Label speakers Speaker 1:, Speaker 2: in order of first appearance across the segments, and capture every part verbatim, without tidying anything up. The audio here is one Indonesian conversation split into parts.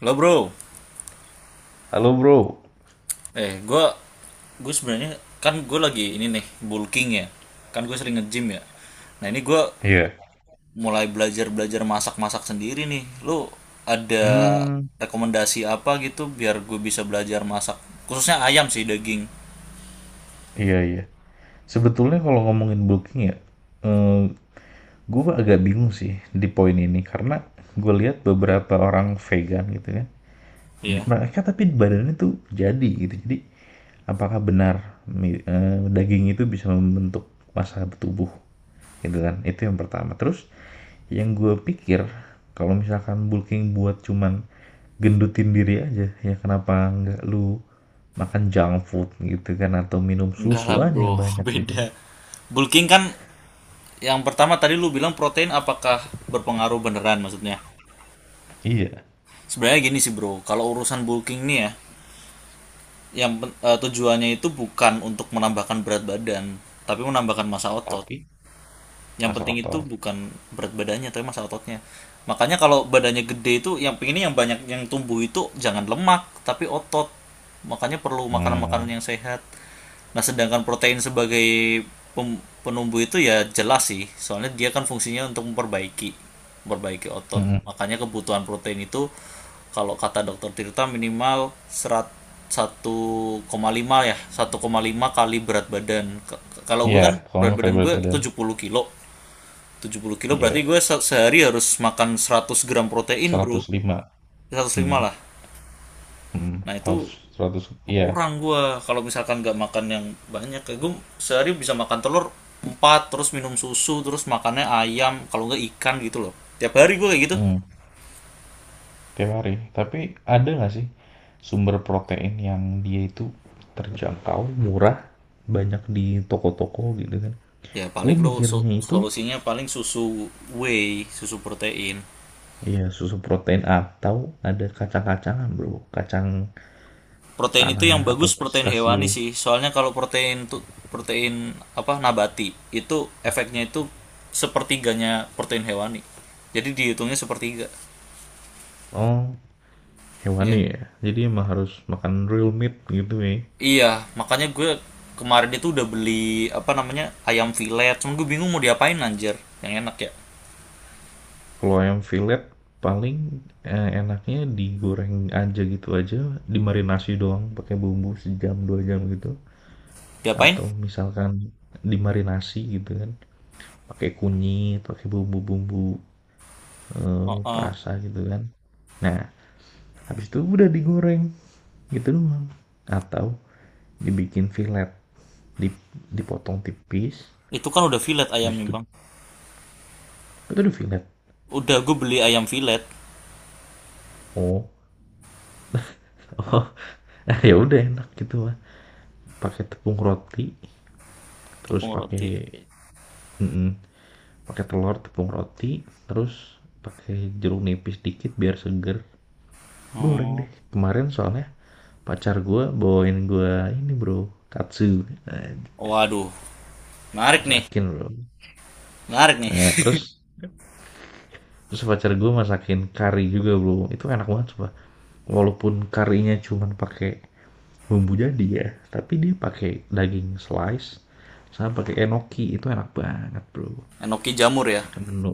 Speaker 1: Lo bro,
Speaker 2: Halo bro.
Speaker 1: eh gue gue sebenarnya kan gue lagi ini nih bulking ya, kan gue sering nge-gym ya. Nah ini gue
Speaker 2: iya,
Speaker 1: mulai belajar belajar masak masak sendiri nih. Lo ada
Speaker 2: hmm,
Speaker 1: rekomendasi apa gitu biar gue bisa belajar masak khususnya ayam sih daging.
Speaker 2: iya iya. Sebetulnya kalau ngomongin booking ya, eh, gue agak bingung sih di poin ini karena gue lihat beberapa orang vegan gitu kan, di-
Speaker 1: Iya.
Speaker 2: mereka tapi badannya tuh jadi gitu. Jadi apakah benar mi- eh, daging itu bisa membentuk massa tubuh gitu kan? Itu yang pertama. Terus yang gue pikir kalau misalkan bulking buat cuman gendutin diri aja ya kenapa nggak lu makan junk food gitu kan atau minum
Speaker 1: Enggak
Speaker 2: susu
Speaker 1: lah
Speaker 2: aja
Speaker 1: bro,
Speaker 2: yang banyak gitu
Speaker 1: beda.
Speaker 2: kan.
Speaker 1: Bulking kan yang pertama tadi lu bilang protein apakah berpengaruh beneran maksudnya?
Speaker 2: Iya,
Speaker 1: Sebenarnya gini sih bro, kalau urusan bulking nih ya, yang pen- eh, tujuannya itu bukan untuk menambahkan berat badan, tapi menambahkan massa otot.
Speaker 2: tapi
Speaker 1: Yang
Speaker 2: masuk
Speaker 1: penting itu
Speaker 2: akal.
Speaker 1: bukan berat badannya, tapi masa ototnya. Makanya kalau badannya gede itu yang pengennya yang banyak yang tumbuh itu jangan lemak, tapi otot. Makanya perlu makanan-makanan
Speaker 2: Hmm,
Speaker 1: yang sehat. Nah, sedangkan protein sebagai pem- penumbuh itu ya jelas sih, soalnya dia kan fungsinya untuk memperbaiki memperbaiki otot.
Speaker 2: mm-mm.
Speaker 1: Makanya kebutuhan protein itu kalau kata dokter Tirta minimal serat satu koma lima ya, satu koma lima kali berat badan. Ke- Kalau gue
Speaker 2: Iya,
Speaker 1: kan berat
Speaker 2: soalnya pakai
Speaker 1: badan
Speaker 2: berat
Speaker 1: gue
Speaker 2: badan.
Speaker 1: tujuh puluh kilo tujuh puluh kilo berarti
Speaker 2: Iya,
Speaker 1: gue se- sehari harus makan seratus gram protein bro
Speaker 2: seratus lima.
Speaker 1: seratus lima
Speaker 2: Hmm,
Speaker 1: lah
Speaker 2: hmm,
Speaker 1: nah itu
Speaker 2: seratus, seratus, iya.
Speaker 1: kurang gue kalau misalkan nggak makan yang banyak kayak gue sehari bisa makan telur empat terus minum susu terus makannya ayam kalau nggak ikan gitu loh tiap hari gue kayak gitu.
Speaker 2: Hmm, tiap hari. Tapi ada nggak sih sumber protein yang dia itu terjangkau, murah, banyak di toko-toko gitu kan?
Speaker 1: Ya
Speaker 2: Gue
Speaker 1: paling lo so-
Speaker 2: mikirnya itu.
Speaker 1: solusinya paling susu whey susu protein.
Speaker 2: Iya, susu protein atau ada kacang-kacangan, Bro. Kacang
Speaker 1: Protein itu yang
Speaker 2: tanah atau
Speaker 1: bagus protein hewani
Speaker 2: pistasium.
Speaker 1: sih. Soalnya kalau protein tuh protein apa nabati itu efeknya itu sepertiganya protein hewani. Jadi dihitungnya sepertiga.
Speaker 2: Oh,
Speaker 1: Iya.
Speaker 2: hewani ya. Jadi emang harus makan real meat gitu ya.
Speaker 1: Iya, makanya gue kemarin itu udah beli apa namanya ayam filet. Cuman gue bingung mau diapain anjir. Yang enak ya.
Speaker 2: Kalau ayam fillet paling eh, enaknya digoreng aja gitu aja, dimarinasi doang pakai bumbu sejam dua jam gitu.
Speaker 1: Diapain?
Speaker 2: Atau misalkan dimarinasi gitu kan, pakai kunyit, pakai bumbu-bumbu
Speaker 1: Oh,
Speaker 2: eh,
Speaker 1: oh.
Speaker 2: perasa gitu kan. Nah, habis itu udah digoreng gitu doang. Atau dibikin fillet dip, dipotong tipis
Speaker 1: Itu kan udah filet
Speaker 2: habis
Speaker 1: ayamnya,
Speaker 2: itu
Speaker 1: Bang.
Speaker 2: itu udah fillet
Speaker 1: Udah gue beli ayam filet
Speaker 2: oh oh ya udah enak gitu mah pakai tepung roti terus
Speaker 1: tepung roti.
Speaker 2: pakai pakai telur tepung roti terus pakai jeruk nipis dikit biar seger goreng
Speaker 1: Oh.
Speaker 2: deh kemarin soalnya pacar gue bawain gue ini bro katsu nah,
Speaker 1: Waduh, menarik nih.
Speaker 2: masakin bro.
Speaker 1: Menarik nih.
Speaker 2: Nah terus terus pacar gue masakin kari juga bro itu enak banget coba walaupun karinya cuman pakai bumbu jadi ya tapi dia pakai daging slice sama pakai enoki itu enak banget bro.
Speaker 1: Enoki jamur ya.
Speaker 2: menu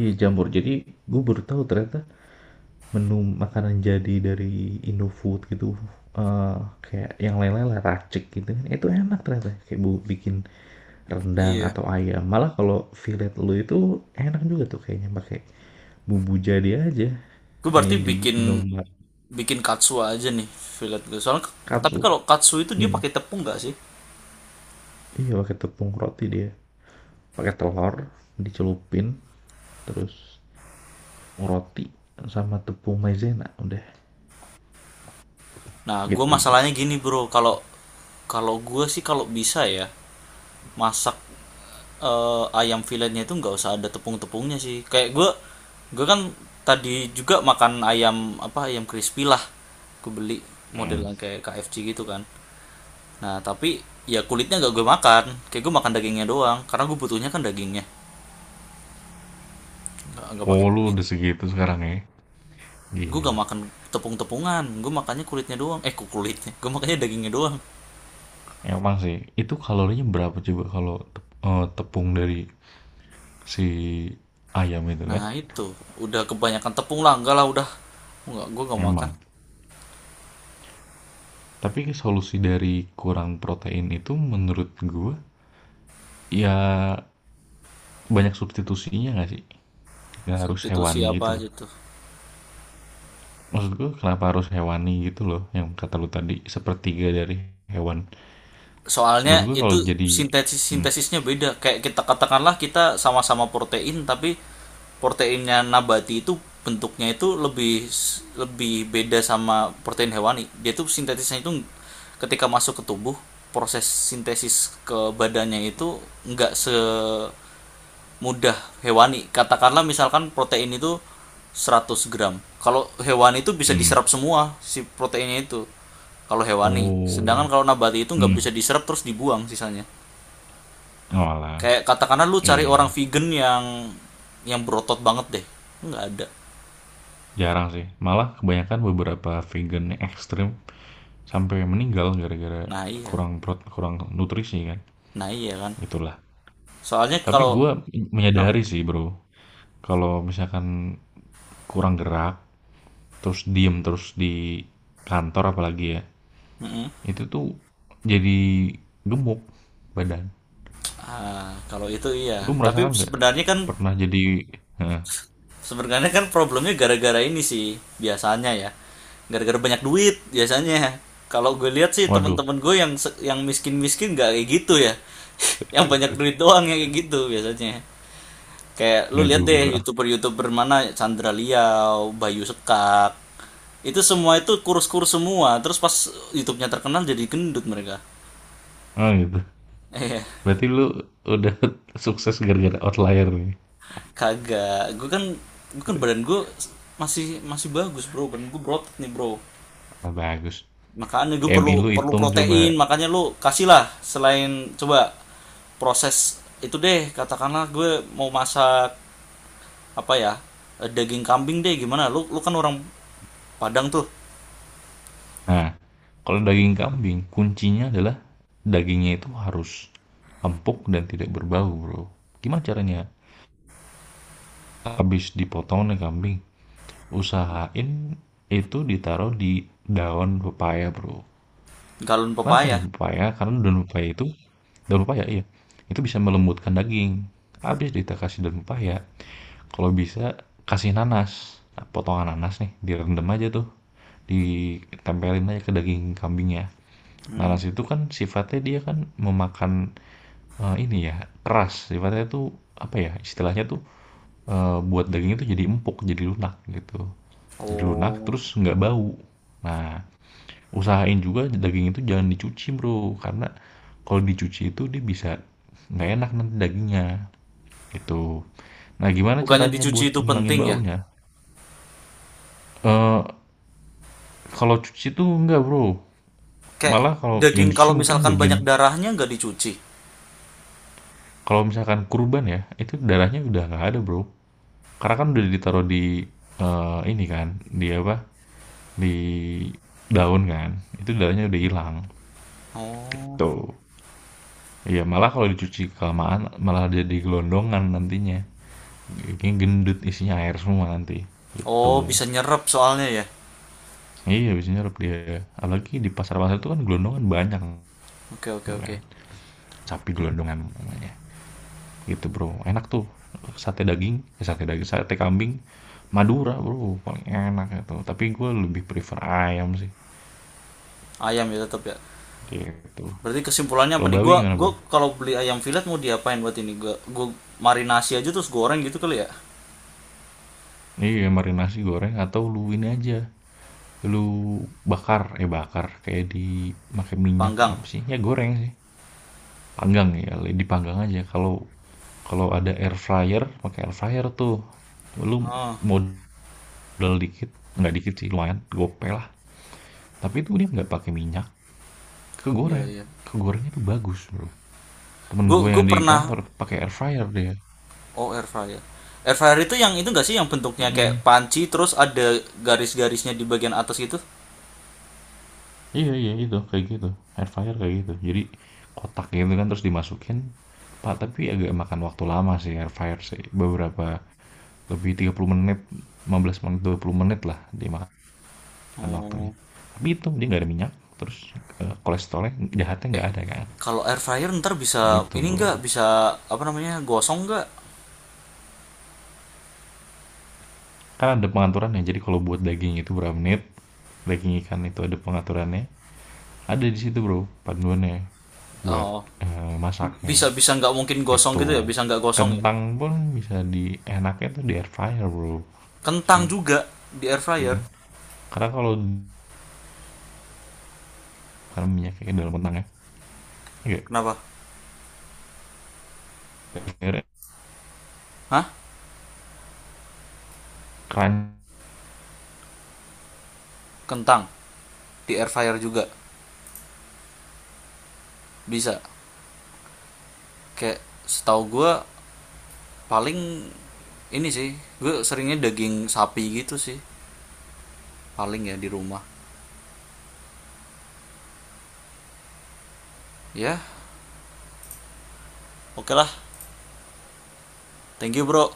Speaker 2: iya jamur jadi gue baru tahu ternyata menu makanan jadi dari Indofood gitu, eh, kayak yang lain-lain lah racik gitu kan itu enak ternyata kayak bu bikin rendang
Speaker 1: Iya.
Speaker 2: atau ayam malah kalau fillet lu itu enak juga tuh kayaknya pakai bumbu jadi aja.
Speaker 1: Gue
Speaker 2: Nah, ini
Speaker 1: berarti
Speaker 2: di
Speaker 1: bikin
Speaker 2: Indomaret.
Speaker 1: bikin katsu aja nih fillet gue soalnya, tapi
Speaker 2: Katsu.
Speaker 1: kalau katsu itu dia
Speaker 2: Hmm.
Speaker 1: pakai tepung nggak sih?
Speaker 2: Iya pakai tepung roti dia, pakai telur dicelupin terus roti sama tepung maizena udah
Speaker 1: Nah gue
Speaker 2: gitu bro.
Speaker 1: masalahnya gini bro, kalau kalau gue sih kalau bisa ya masak eh, ayam filletnya itu nggak usah ada tepung-tepungnya sih. Kayak gue gue kan tadi juga makan ayam apa ayam crispy lah, gue beli
Speaker 2: Hmm.
Speaker 1: modelan kayak K F C gitu kan. Nah tapi ya kulitnya gak gue makan, kayak gue makan dagingnya doang karena gue butuhnya kan dagingnya, nggak nggak
Speaker 2: Oh,
Speaker 1: pakai
Speaker 2: lu
Speaker 1: kulit.
Speaker 2: udah segitu sekarang ya?
Speaker 1: Gue gak
Speaker 2: Gila.
Speaker 1: makan tepung-tepungan, gue makannya kulitnya doang, eh kok kulitnya, gue makannya dagingnya doang.
Speaker 2: Emang sih, itu kalorinya berapa coba kalau eh, tepung dari si ayam itu kan?
Speaker 1: Nah itu udah kebanyakan tepung lah, enggak lah udah, enggak, gue gak makan.
Speaker 2: Emang. Tapi solusi dari kurang protein itu menurut gua ya banyak substitusinya nggak sih? Nggak harus
Speaker 1: Substitusi
Speaker 2: hewani gitu
Speaker 1: apa
Speaker 2: loh.
Speaker 1: aja tuh?
Speaker 2: Maksud gua kenapa harus hewani gitu loh? Yang kata lu tadi sepertiga dari hewan. Menurut
Speaker 1: Soalnya
Speaker 2: gua
Speaker 1: itu
Speaker 2: kalau jadi
Speaker 1: sintesis
Speaker 2: hmm,
Speaker 1: sintesisnya beda, kayak kita katakanlah kita sama-sama protein tapi proteinnya nabati itu bentuknya itu lebih lebih beda sama protein hewani. Dia tuh sintesisnya itu ketika masuk ke tubuh, proses sintesis ke badannya itu enggak se mudah hewani. Katakanlah misalkan protein itu seratus gram. Kalau hewani itu bisa
Speaker 2: hmm.
Speaker 1: diserap semua si proteinnya itu. Kalau hewani.
Speaker 2: Oh,
Speaker 1: Sedangkan kalau nabati itu nggak bisa
Speaker 2: mhm,
Speaker 1: diserap, terus dibuang sisanya.
Speaker 2: oalah,
Speaker 1: Kayak katakanlah lu
Speaker 2: iya
Speaker 1: cari orang
Speaker 2: iya,
Speaker 1: vegan yang yang berotot banget deh. Nggak ada.
Speaker 2: jarang sih, malah kebanyakan beberapa vegan yang ekstrem sampai meninggal gara-gara
Speaker 1: Nah iya.
Speaker 2: kurang prot kurang nutrisi kan,
Speaker 1: Nah iya kan.
Speaker 2: itulah.
Speaker 1: Soalnya
Speaker 2: Tapi
Speaker 1: kalau
Speaker 2: gue
Speaker 1: nah,
Speaker 2: menyadari sih, Bro, kalau misalkan kurang gerak, terus diem terus di kantor apalagi ya,
Speaker 1: mm-mm.
Speaker 2: itu tuh jadi gemuk badan.
Speaker 1: Ah, kalau itu iya.
Speaker 2: Lu
Speaker 1: Tapi
Speaker 2: merasakan nggak?
Speaker 1: sebenarnya kan
Speaker 2: Pernah jadi heeh,
Speaker 1: sebenarnya kan problemnya gara-gara ini sih biasanya ya, gara-gara banyak duit biasanya. Kalau gue lihat sih
Speaker 2: waduh,
Speaker 1: temen-temen gue yang se- yang miskin-miskin gak kayak gitu ya, yang banyak duit doang yang kayak gitu biasanya. Kayak lu
Speaker 2: nggak
Speaker 1: lihat
Speaker 2: juga.
Speaker 1: deh youtuber-youtuber mana, Chandra Liau, Bayu Sekak, itu semua itu kurus-kurus semua terus pas YouTube-nya terkenal jadi gendut mereka.
Speaker 2: Ah, oh gitu.
Speaker 1: Eh
Speaker 2: Berarti lu udah sukses gara-gara outlier nih.
Speaker 1: kagak, gue kan gue kan badan gue masih masih bagus bro, badan gue berotot nih bro.
Speaker 2: Wah, bagus.
Speaker 1: Makanya gue
Speaker 2: B M I
Speaker 1: perlu
Speaker 2: lu
Speaker 1: perlu
Speaker 2: hitung coba.
Speaker 1: protein, makanya lu kasihlah selain coba proses itu deh, katakanlah gue mau masak apa ya? eh, Daging kambing deh gimana? Lu lu kan orang Padang tuh,
Speaker 2: Nah, kalau daging kambing, kuncinya adalah dagingnya itu harus empuk dan tidak berbau, bro. Gimana caranya? Habis dipotong nih kambing, usahain itu ditaruh di daun pepaya, bro.
Speaker 1: galon
Speaker 2: Kenapa
Speaker 1: pepaya.
Speaker 2: daun pepaya? Karena daun pepaya itu, daun pepaya iya, itu bisa melembutkan daging. Habis kita kasih daun pepaya, kalau bisa kasih nanas. Nah, potongan nanas nih direndam aja tuh, ditempelin aja ke daging kambingnya.
Speaker 1: Hmm.
Speaker 2: Nanas itu kan sifatnya dia kan memakan eh, ini ya keras sifatnya tuh apa ya istilahnya tuh, eh, buat daging itu jadi empuk jadi lunak gitu, jadi lunak
Speaker 1: Oh.
Speaker 2: terus nggak bau. Nah, usahain juga daging itu jangan dicuci bro karena kalau dicuci itu dia bisa nggak enak nanti dagingnya. Gitu. Nah, gimana
Speaker 1: Bukannya
Speaker 2: caranya
Speaker 1: dicuci
Speaker 2: buat
Speaker 1: itu
Speaker 2: ngilangin
Speaker 1: penting ya?
Speaker 2: baunya? Eee, kalau cuci tuh enggak, Bro.
Speaker 1: Kayak
Speaker 2: Malah kalau yang
Speaker 1: daging
Speaker 2: dicuci
Speaker 1: kalau
Speaker 2: mungkin
Speaker 1: misalkan
Speaker 2: bagian,
Speaker 1: banyak darahnya nggak dicuci.
Speaker 2: kalau misalkan kurban ya, itu darahnya udah nggak ada, Bro. Karena kan udah ditaruh di, eee, ini kan, di apa, di daun kan, itu darahnya udah hilang,
Speaker 1: Oh.
Speaker 2: tuh. Iya, malah kalau dicuci kelamaan malah jadi gelondongan nantinya, jadinya gendut isinya air semua nanti, gitu.
Speaker 1: Oh, bisa nyerap soalnya ya.
Speaker 2: Iya, biasanya nyerap dia. Apalagi di pasar-pasar itu kan gelondongan banyak
Speaker 1: Oke, oke, oke.
Speaker 2: namanya, sapi gelondongan namanya, gitu bro. Enak tuh sate daging, eh, sate daging sate kambing Madura bro paling enak itu, tapi gue lebih prefer ayam sih
Speaker 1: Ayam ya tetap ya.
Speaker 2: gitu.
Speaker 1: Berarti kesimpulannya
Speaker 2: Kalau
Speaker 1: apa nih? Gua
Speaker 2: bawi gimana
Speaker 1: gua
Speaker 2: bro,
Speaker 1: kalau beli ayam fillet mau diapain buat ini? Gua gua marinasi aja terus goreng gitu kali ya.
Speaker 2: iya marinasi goreng atau lu ini aja lu bakar, eh bakar kayak di pakai minyak
Speaker 1: Panggang.
Speaker 2: apa sih ya goreng sih, panggang ya dipanggang aja. Kalau kalau ada air fryer pakai air fryer tuh. Lu
Speaker 1: Oh,
Speaker 2: modal dikit, nggak dikit sih lumayan gope lah, tapi itu dia nggak pakai minyak.
Speaker 1: iya
Speaker 2: Kegoreng,
Speaker 1: iya.
Speaker 2: kegoreng itu bagus Bro. Temen gue
Speaker 1: Gua
Speaker 2: yang
Speaker 1: gua
Speaker 2: di
Speaker 1: pernah
Speaker 2: kantor pakai air fryer dia.
Speaker 1: oh air fryer. Air fryer itu yang itu enggak sih yang bentuknya kayak
Speaker 2: Mhm.
Speaker 1: panci terus ada garis-garisnya di bagian atas gitu?
Speaker 2: Iya iya itu, kayak gitu, air fryer kayak gitu. Jadi kotak gitu kan terus dimasukin, pak tapi agak makan waktu lama sih air fryer sih, beberapa lebih tiga puluh menit, lima belas menit, dua puluh menit lah dimakan waktunya.
Speaker 1: Oh.
Speaker 2: Tapi itu dia nggak ada minyak, terus, eee, kolesterolnya jahatnya
Speaker 1: Eh,
Speaker 2: nggak ada kan,
Speaker 1: kalau air fryer ntar bisa
Speaker 2: gitu
Speaker 1: ini
Speaker 2: Bro.
Speaker 1: enggak, bisa apa namanya gosong enggak?
Speaker 2: Kan ada pengaturannya, jadi kalau buat daging itu berapa menit, daging ikan itu ada pengaturannya, ada di situ Bro panduannya. Buat
Speaker 1: Oh,
Speaker 2: eh, masaknya
Speaker 1: bisa bisa nggak mungkin gosong gitu ya?
Speaker 2: gitu.
Speaker 1: Bisa nggak gosong ya?
Speaker 2: Kentang pun bisa di enaknya tuh di air fryer bro,
Speaker 1: Kentang juga di air fryer.
Speaker 2: karena kalau kan minyak kayak dalam kentang ya, iya
Speaker 1: Kenapa?
Speaker 2: air fryer
Speaker 1: Hah?
Speaker 2: crunchy
Speaker 1: Kentang di air fryer juga bisa, kayak setahu gue paling ini sih, gue seringnya daging sapi gitu sih paling ya di rumah ya. Oke lah, thank you bro.